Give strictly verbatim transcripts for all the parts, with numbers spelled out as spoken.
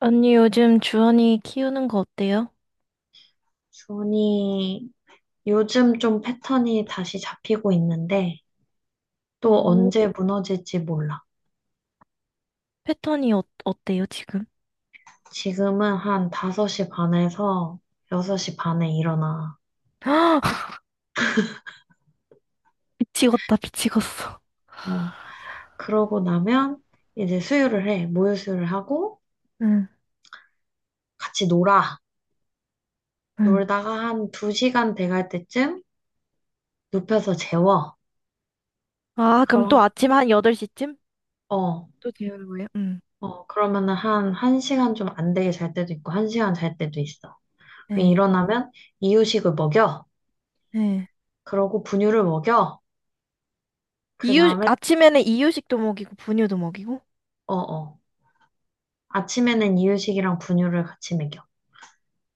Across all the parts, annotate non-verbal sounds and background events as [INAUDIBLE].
언니 요즘 주원이 키우는 거 어때요? 준이 요즘 좀 패턴이 다시 잡히고 있는데 또 오, 언제 무너질지 몰라. 패턴이 어, 어때요 지금? 지금은 한 다섯 시 반에서 여섯 시 반에 일어나. [LAUGHS] 미치겠다 미치겠어. 어, 그러고 나면 이제 수유를 해. 모유 수유를 하고 응, 같이 놀아. 응. 놀다가 한 두 시간 돼갈 때쯤 눕혀서 재워. 아 그럼 그럼 또 아침 한 여덟 시쯤? 어, 또 재우는 거예요? 응. 어, 그러면은 한 1시간 좀 안 되게 잘 때도 있고 한 시간 잘 때도 있어. 그럼 네. 일어나면 이유식을 먹여. 네. 그러고 분유를 먹여. 그 이유 다음에, 아침에는 이유식도 먹이고 분유도 먹이고? 어어. 아침에는 이유식이랑 분유를 같이 먹여.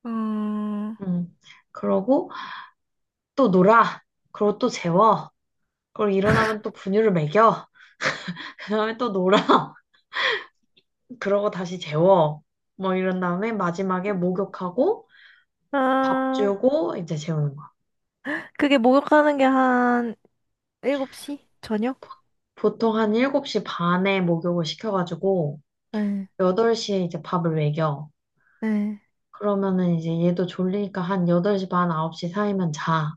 어, 음. 그러고 또 놀아. 그러고 또 재워. 그리고 일어나면 또 분유를 먹여. [LAUGHS] 그 다음에 또 놀아. [LAUGHS] 그러고 다시 재워. 뭐 이런 다음에 마지막에 목욕하고 밥 아 주고 이제 재우는 거야. 그게 목욕하는 게 한 일곱 시? 저녁? 보통 한 일곱 시 반에 목욕을 시켜가지고 네, 여덟 시에 이제 밥을 먹여. 네. 그러면은 이제 얘도 졸리니까 한 여덟 시 반, 아홉 시 사이면 자.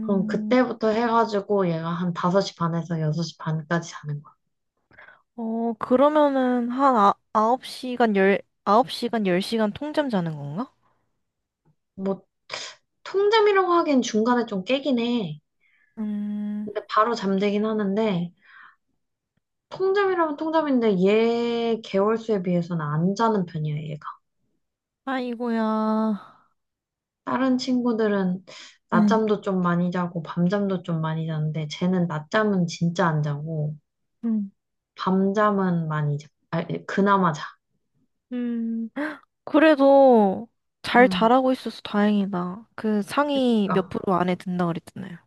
그럼 그때부터 해가지고 얘가 한 다섯 시 반에서 여섯 시 반까지 자는 거야. 어 그러면은 한 아, 아홉 시간 열.. 아홉 시간 열 시간 통잠 자는 건가? 뭐, 통잠이라고 하기엔 중간에 좀 깨긴 해. 음, 근데 바로 잠들긴 하는데, 통잠이라면 통잠인데 얘 개월수에 비해서는 안 자는 편이야, 얘가. 아이고야. 다른 친구들은 네. 낮잠도 좀 많이 자고, 밤잠도 좀 많이 자는데, 쟤는 낮잠은 진짜 안 자고, 음, 밤잠은 많이 자. 네, 그나마 자. 음. 그래도 잘 음, 자라고 있어서 다행이다. 그 상위 몇 그러니까, 프로 안에 든다 그랬잖아요.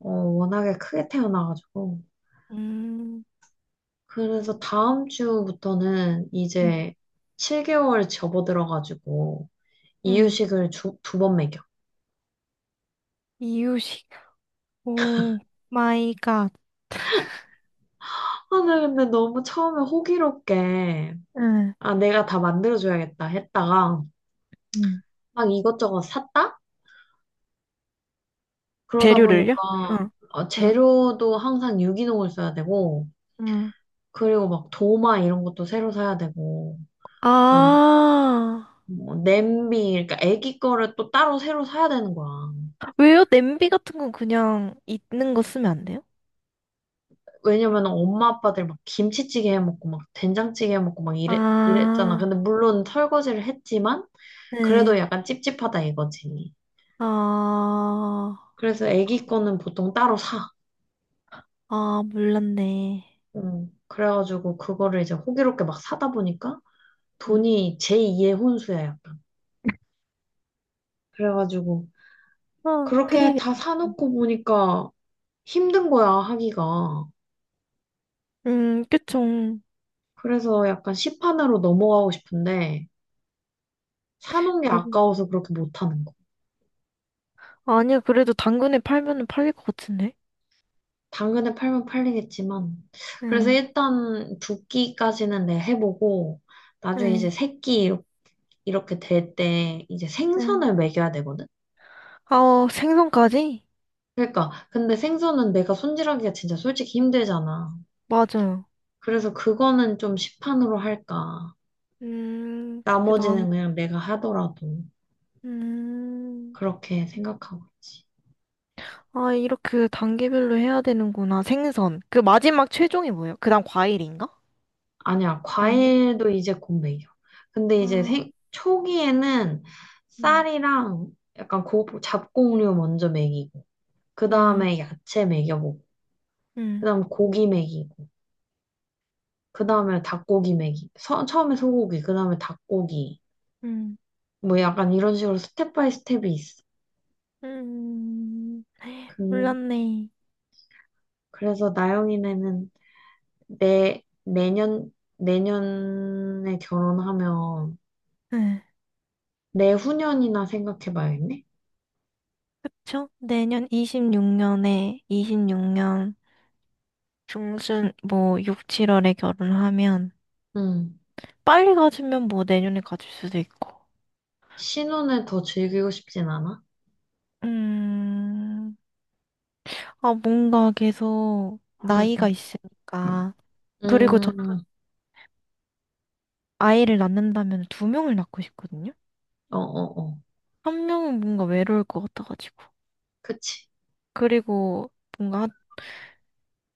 어, 워낙에 크게 태어나가지고. 음, 그래서 다음 주부터는 네. 이제 칠 개월 접어들어가지고 음. 이유식을 두 번 먹여. 이유식. 오 마이 갓. 아, 나 근데 너무 처음에 호기롭게 네. 아, 내가 다 만들어줘야겠다 했다가 음. 막 이것저것 샀다? 그러다 재료를요? 보니까 응, 어, 응, 재료도 항상 유기농을 써야 되고 응. 그리고 막 도마 이런 것도 새로 사야 되고 아니, 아, 뭐 냄비 그러니까 애기 거를 또 따로 새로 사야 되는 거야. 왜요? 냄비 같은 건 그냥 있는 거 쓰면 안 돼요? 왜냐면 엄마 아빠들 막 김치찌개 해먹고 막 된장찌개 해먹고 막 이랬, 이랬잖아. 아, 근데 물론 설거지를 했지만 그래도 네. 약간 찝찝하다 이거지. 아, 그래서 애기 거는 보통 따로 사. 아, 몰랐네. 음, 그래가지고 그거를 이제 호기롭게 막 사다 보니까 음. 돈이 제이의 혼수야 약간. 그래가지고 아, 그렇게 큰일이야. 다 사놓고 보니까 힘든 거야 하기가. 음, 그쵸. 그래서 약간 시판으로 넘어가고 싶은데 사놓은 게 아, 아까워서 그렇게 못하는 거 아니야, 그래도 당근에 팔면은 팔릴 것 같은데. 당근을 팔면 팔리겠지만, 그래서 네, 일단 두 끼까지는 내 해보고, 나중에 이제 네, 세 끼 이렇- 이렇게 될 때, 이제 네. 생선을 먹여야 되거든? 아, 어, 생선까지? 그러니까, 근데 생선은 내가 손질하기가 진짜 솔직히 힘들잖아. 맞아요. 그래서 그거는 좀 시판으로 할까. 음, 그게 나은 나머지는 거. 그냥 내가 하더라도, 음, 그렇게 생각하고 있지. 아, 이렇게 단계별로 해야 되는구나. 생선. 그 마지막 최종이 뭐예요? 그 다음 과일인가? 아니야, 아닌가? 과일도 이제 곧 먹여. 근데 이제 아, 생, 초기에는 음, 쌀이랑 약간 고, 잡곡류 먼저 먹이고, 그 음, 다음에 야채 먹여보고, 그 음, 다음에 고기 먹이고, 그 다음에 닭고기 먹이고, 서- 처음에 소고기, 그 다음에 닭고기. 음, 뭐 약간 이런 식으로 스텝 바이 스텝이 있어. 음. 그, 몰랐네. 그래서 나영이네는 내, 내년, 내년에 결혼하면 네. 내후년이나 생각해봐야겠네? 그쵸? 내년 이십육 년에 이십육 년 중순 뭐 육, 칠월에 결혼하면 응. 빨리 가지면 뭐 내년에 가질 수도 있고. 신혼을 더 즐기고 싶진 않아? 음, 아 뭔가 계속 응, 나이가 응. 있으니까 그리고 저 음, 아이를 낳는다면 두 명을 낳고 싶거든요. 어, 어, 어. 한 명은 뭔가 외로울 것 같아가지고 그치, 그리고 뭔가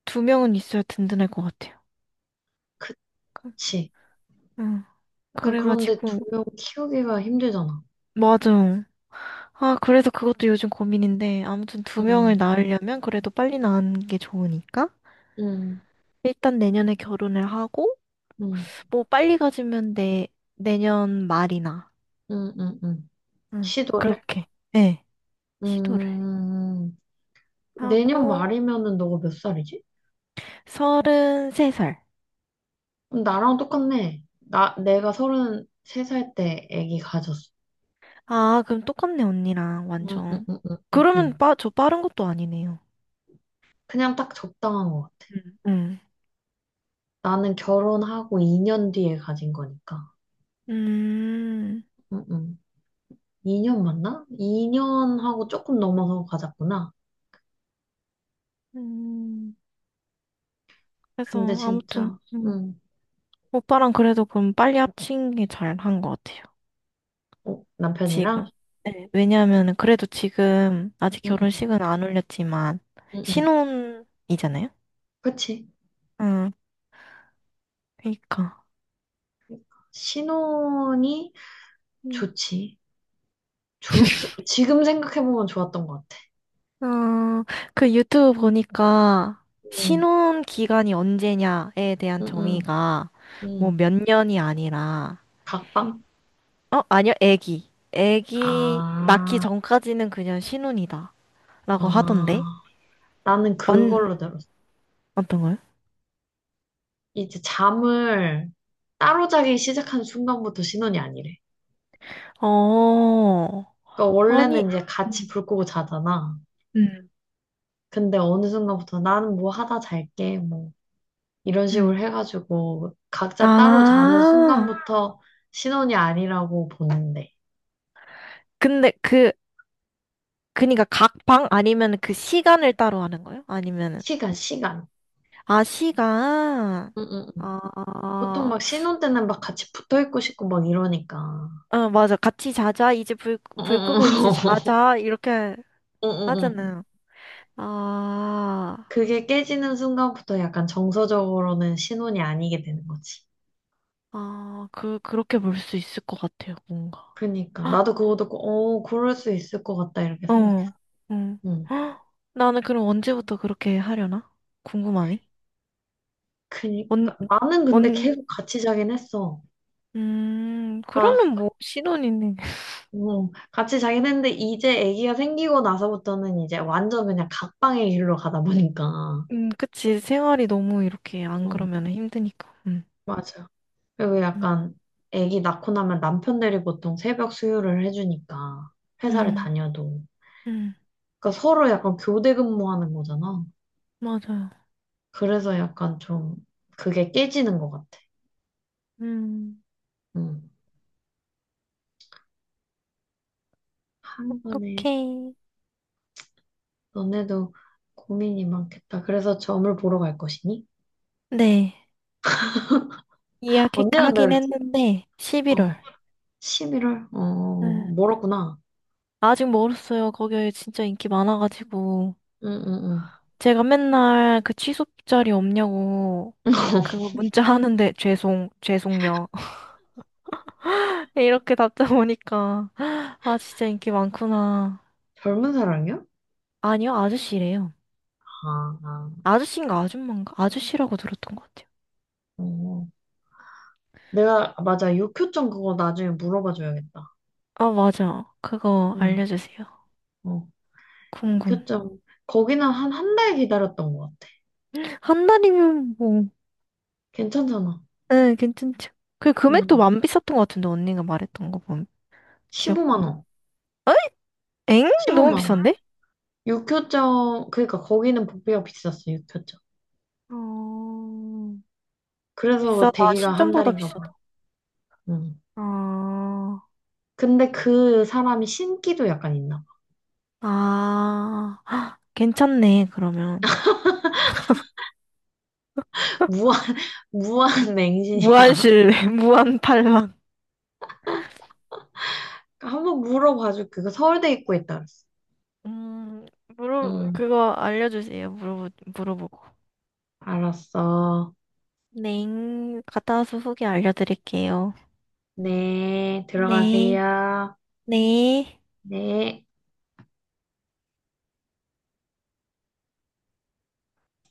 두 명은 있어야 든든할 것 같아요. 그- 그치. 응. 약간 그런데 그래가지고 두 명 키우기가 힘들잖아. 맞아. 아, 그래서 그것도 요즘 고민인데, 아무튼 두 명을 응, 낳으려면 그래도 빨리 낳는 게 좋으니까. 응. 일단 내년에 결혼을 하고, 음, 뭐 빨리 가지면 내, 내년 말이나, 음, 음, 음. 응, 시도를. 그렇게, 예, 시도를 음, 내년 하고, 말이면은 너가 몇 살이지? 서른세 살. 그럼 나랑 똑같네. 나, 내가 서른세 살 때 아기 가졌어. 아, 그럼 똑같네, 언니랑, 음, 음, 완전. 음, 음, 음, 그러면 음. 빠, 저 빠른 것도 아니네요. 그냥 딱 적당한 것 같아. 응, 응. 나는 결혼하고 이 년 뒤에 가진 거니까. 음, 음, 음. 이 년 맞나? 이 년하고 조금 넘어서 가졌구나. 음, 그래서 근데 아무튼, 진짜, 음, 음, 오빠랑 그래도 그럼 빨리 합친 게 잘 한 것 같아요. 어, 남편이랑? 지금. 네. 왜냐하면 그래도 지금 아직 응 응 결혼식은 안 올렸지만 응 음. 신혼이잖아요. 그치. 응, 그러니까. 신혼이 음. 좋지. 조, 조- 지금 생각해보면 좋았던 것 같아. 어, 그 유튜브 보니까 응, 신혼 기간이 언제냐에 대한 응, 응, 정의가 뭐 응. 몇 년이 아니라 각방? 어, 아니요. 애기. 애기 낳기 아, 전까지는 그냥 신혼이다라고 아. 하던데. 나는 완 그걸로 들었어. 어떤 거요? 이제 잠을 따로 자기 시작한 순간부터 신혼이 아니래. 어. 그러니까 아니 원래는 이제 같이 음. 불 끄고 자잖아. 음. 근데 어느 순간부터 나는 뭐 하다 잘게, 뭐, 이런 식으로 음. 해가지고 각자 따로 자는 아. 순간부터 신혼이 아니라고 보는데. 근데 그, 그니까 각 방 아니면 그 시간을 따로 하는 거예요? 아니면은, 시간, 시간. 아, 시간. 응, 응, 응. 보통 아, 막 신혼 때는 막 같이 붙어 있고 싶고 막 이러니까. 어, 맞아. 같이 자자. 이제 불, 어, 불 끄고 이제 어, 자자. 이렇게 어, 어, 어, 어. 하잖아요. 아, 그게 깨지는 순간부터 약간 정서적으로는 신혼이 아니게 되는 거지. 아, 그, 그렇게 볼 수 있을 것 같아요, 뭔가. 그니까. 헉, 나도 그거 듣고, 어, 그럴 수 있을 것 같다, 이렇게 생각했어. 어, 응. 응. 헉, 나는 그럼 언제부터 그렇게 하려나? 궁금하니? 언, 그니까. 나는 근데 언, 계속 같이 자긴 했어. 음, 아, 그러면 뭐, 신혼이네. 어, 같이 자긴 했는데, 이제 아기가 생기고 나서부터는 이제 완전 그냥 각방의 길로 가다 보니까. 음, 그치. 생활이 너무 이렇게 안 어, 그러면 힘드니까. 음, 맞아. 그리고 음. 약간 아기 낳고 나면 남편들이 보통 새벽 수유를 해주니까 회사를 음, 다녀도 음, 그러니까 서로 약간 교대 근무하는 거잖아. 맞아요. 그래서 약간 좀 그게 깨지는 것 같아. 음, 음. 한간에 어떡해. 너네도 고민이 많겠다. 그래서 점을 보러 갈 것이니? 네. 언제 간다 이야기하긴 그랬지? 했는데, 어, 십일월. 십일월? 어, 네. 멀었구나. 아직 멀었어요. 거기 진짜 인기 많아가지고. 응, 응, 응. 제가 맨날 그 취소 자리 없냐고, 그 문자 하는데, 죄송, 죄송요. [LAUGHS] 이렇게 답장 오니까, 아, 진짜 인기 많구나. 젊은 사랑이야? 아니요, 아저씨래요. 아, 아. 아저씨인가 아줌마인가? 아저씨라고 들었던 것 같아요. 어. 내가, 맞아. 육효점 그거 나중에 물어봐 줘야겠다. 아, 맞아. 그거 응. 알려주세요. 어. 궁금. 그쵸. 거기는 한, 한 달 기다렸던 것 같아. 한 달이면 뭐, 괜찮잖아. 네, 괜찮죠. 그 금액도 응. 안 비쌌던 것 같은데, 언니가 말했던 거 보면, 십오만 기억하면. 원. 엥? 너무 십오만 원. 비싼데? 육효점, 그러니까 거기는 복비가 비쌌어, 육효점. 어, 그래서 비싸다. 대기가 한 신점보다 달인가 봐. 비싸다. 응. 어, 근데 그 사람이 신기도 약간 있나 봐. 아, [GASPS] 헉, 괜찮네, 그러면. 무한, [LAUGHS] 무한 맹신이야. 무한실내, [LAUGHS] 무한팔망 한번 물어봐줄게. 그 그 서울대 입구에 있다 그랬어. [LAUGHS] 음, 물어, 응. 그거 알려주세요. 물어, 물어보고. 알았어. 네, 갔다 와서 후기 알려드릴게요. 네, 네. 들어가세요. 네. 네.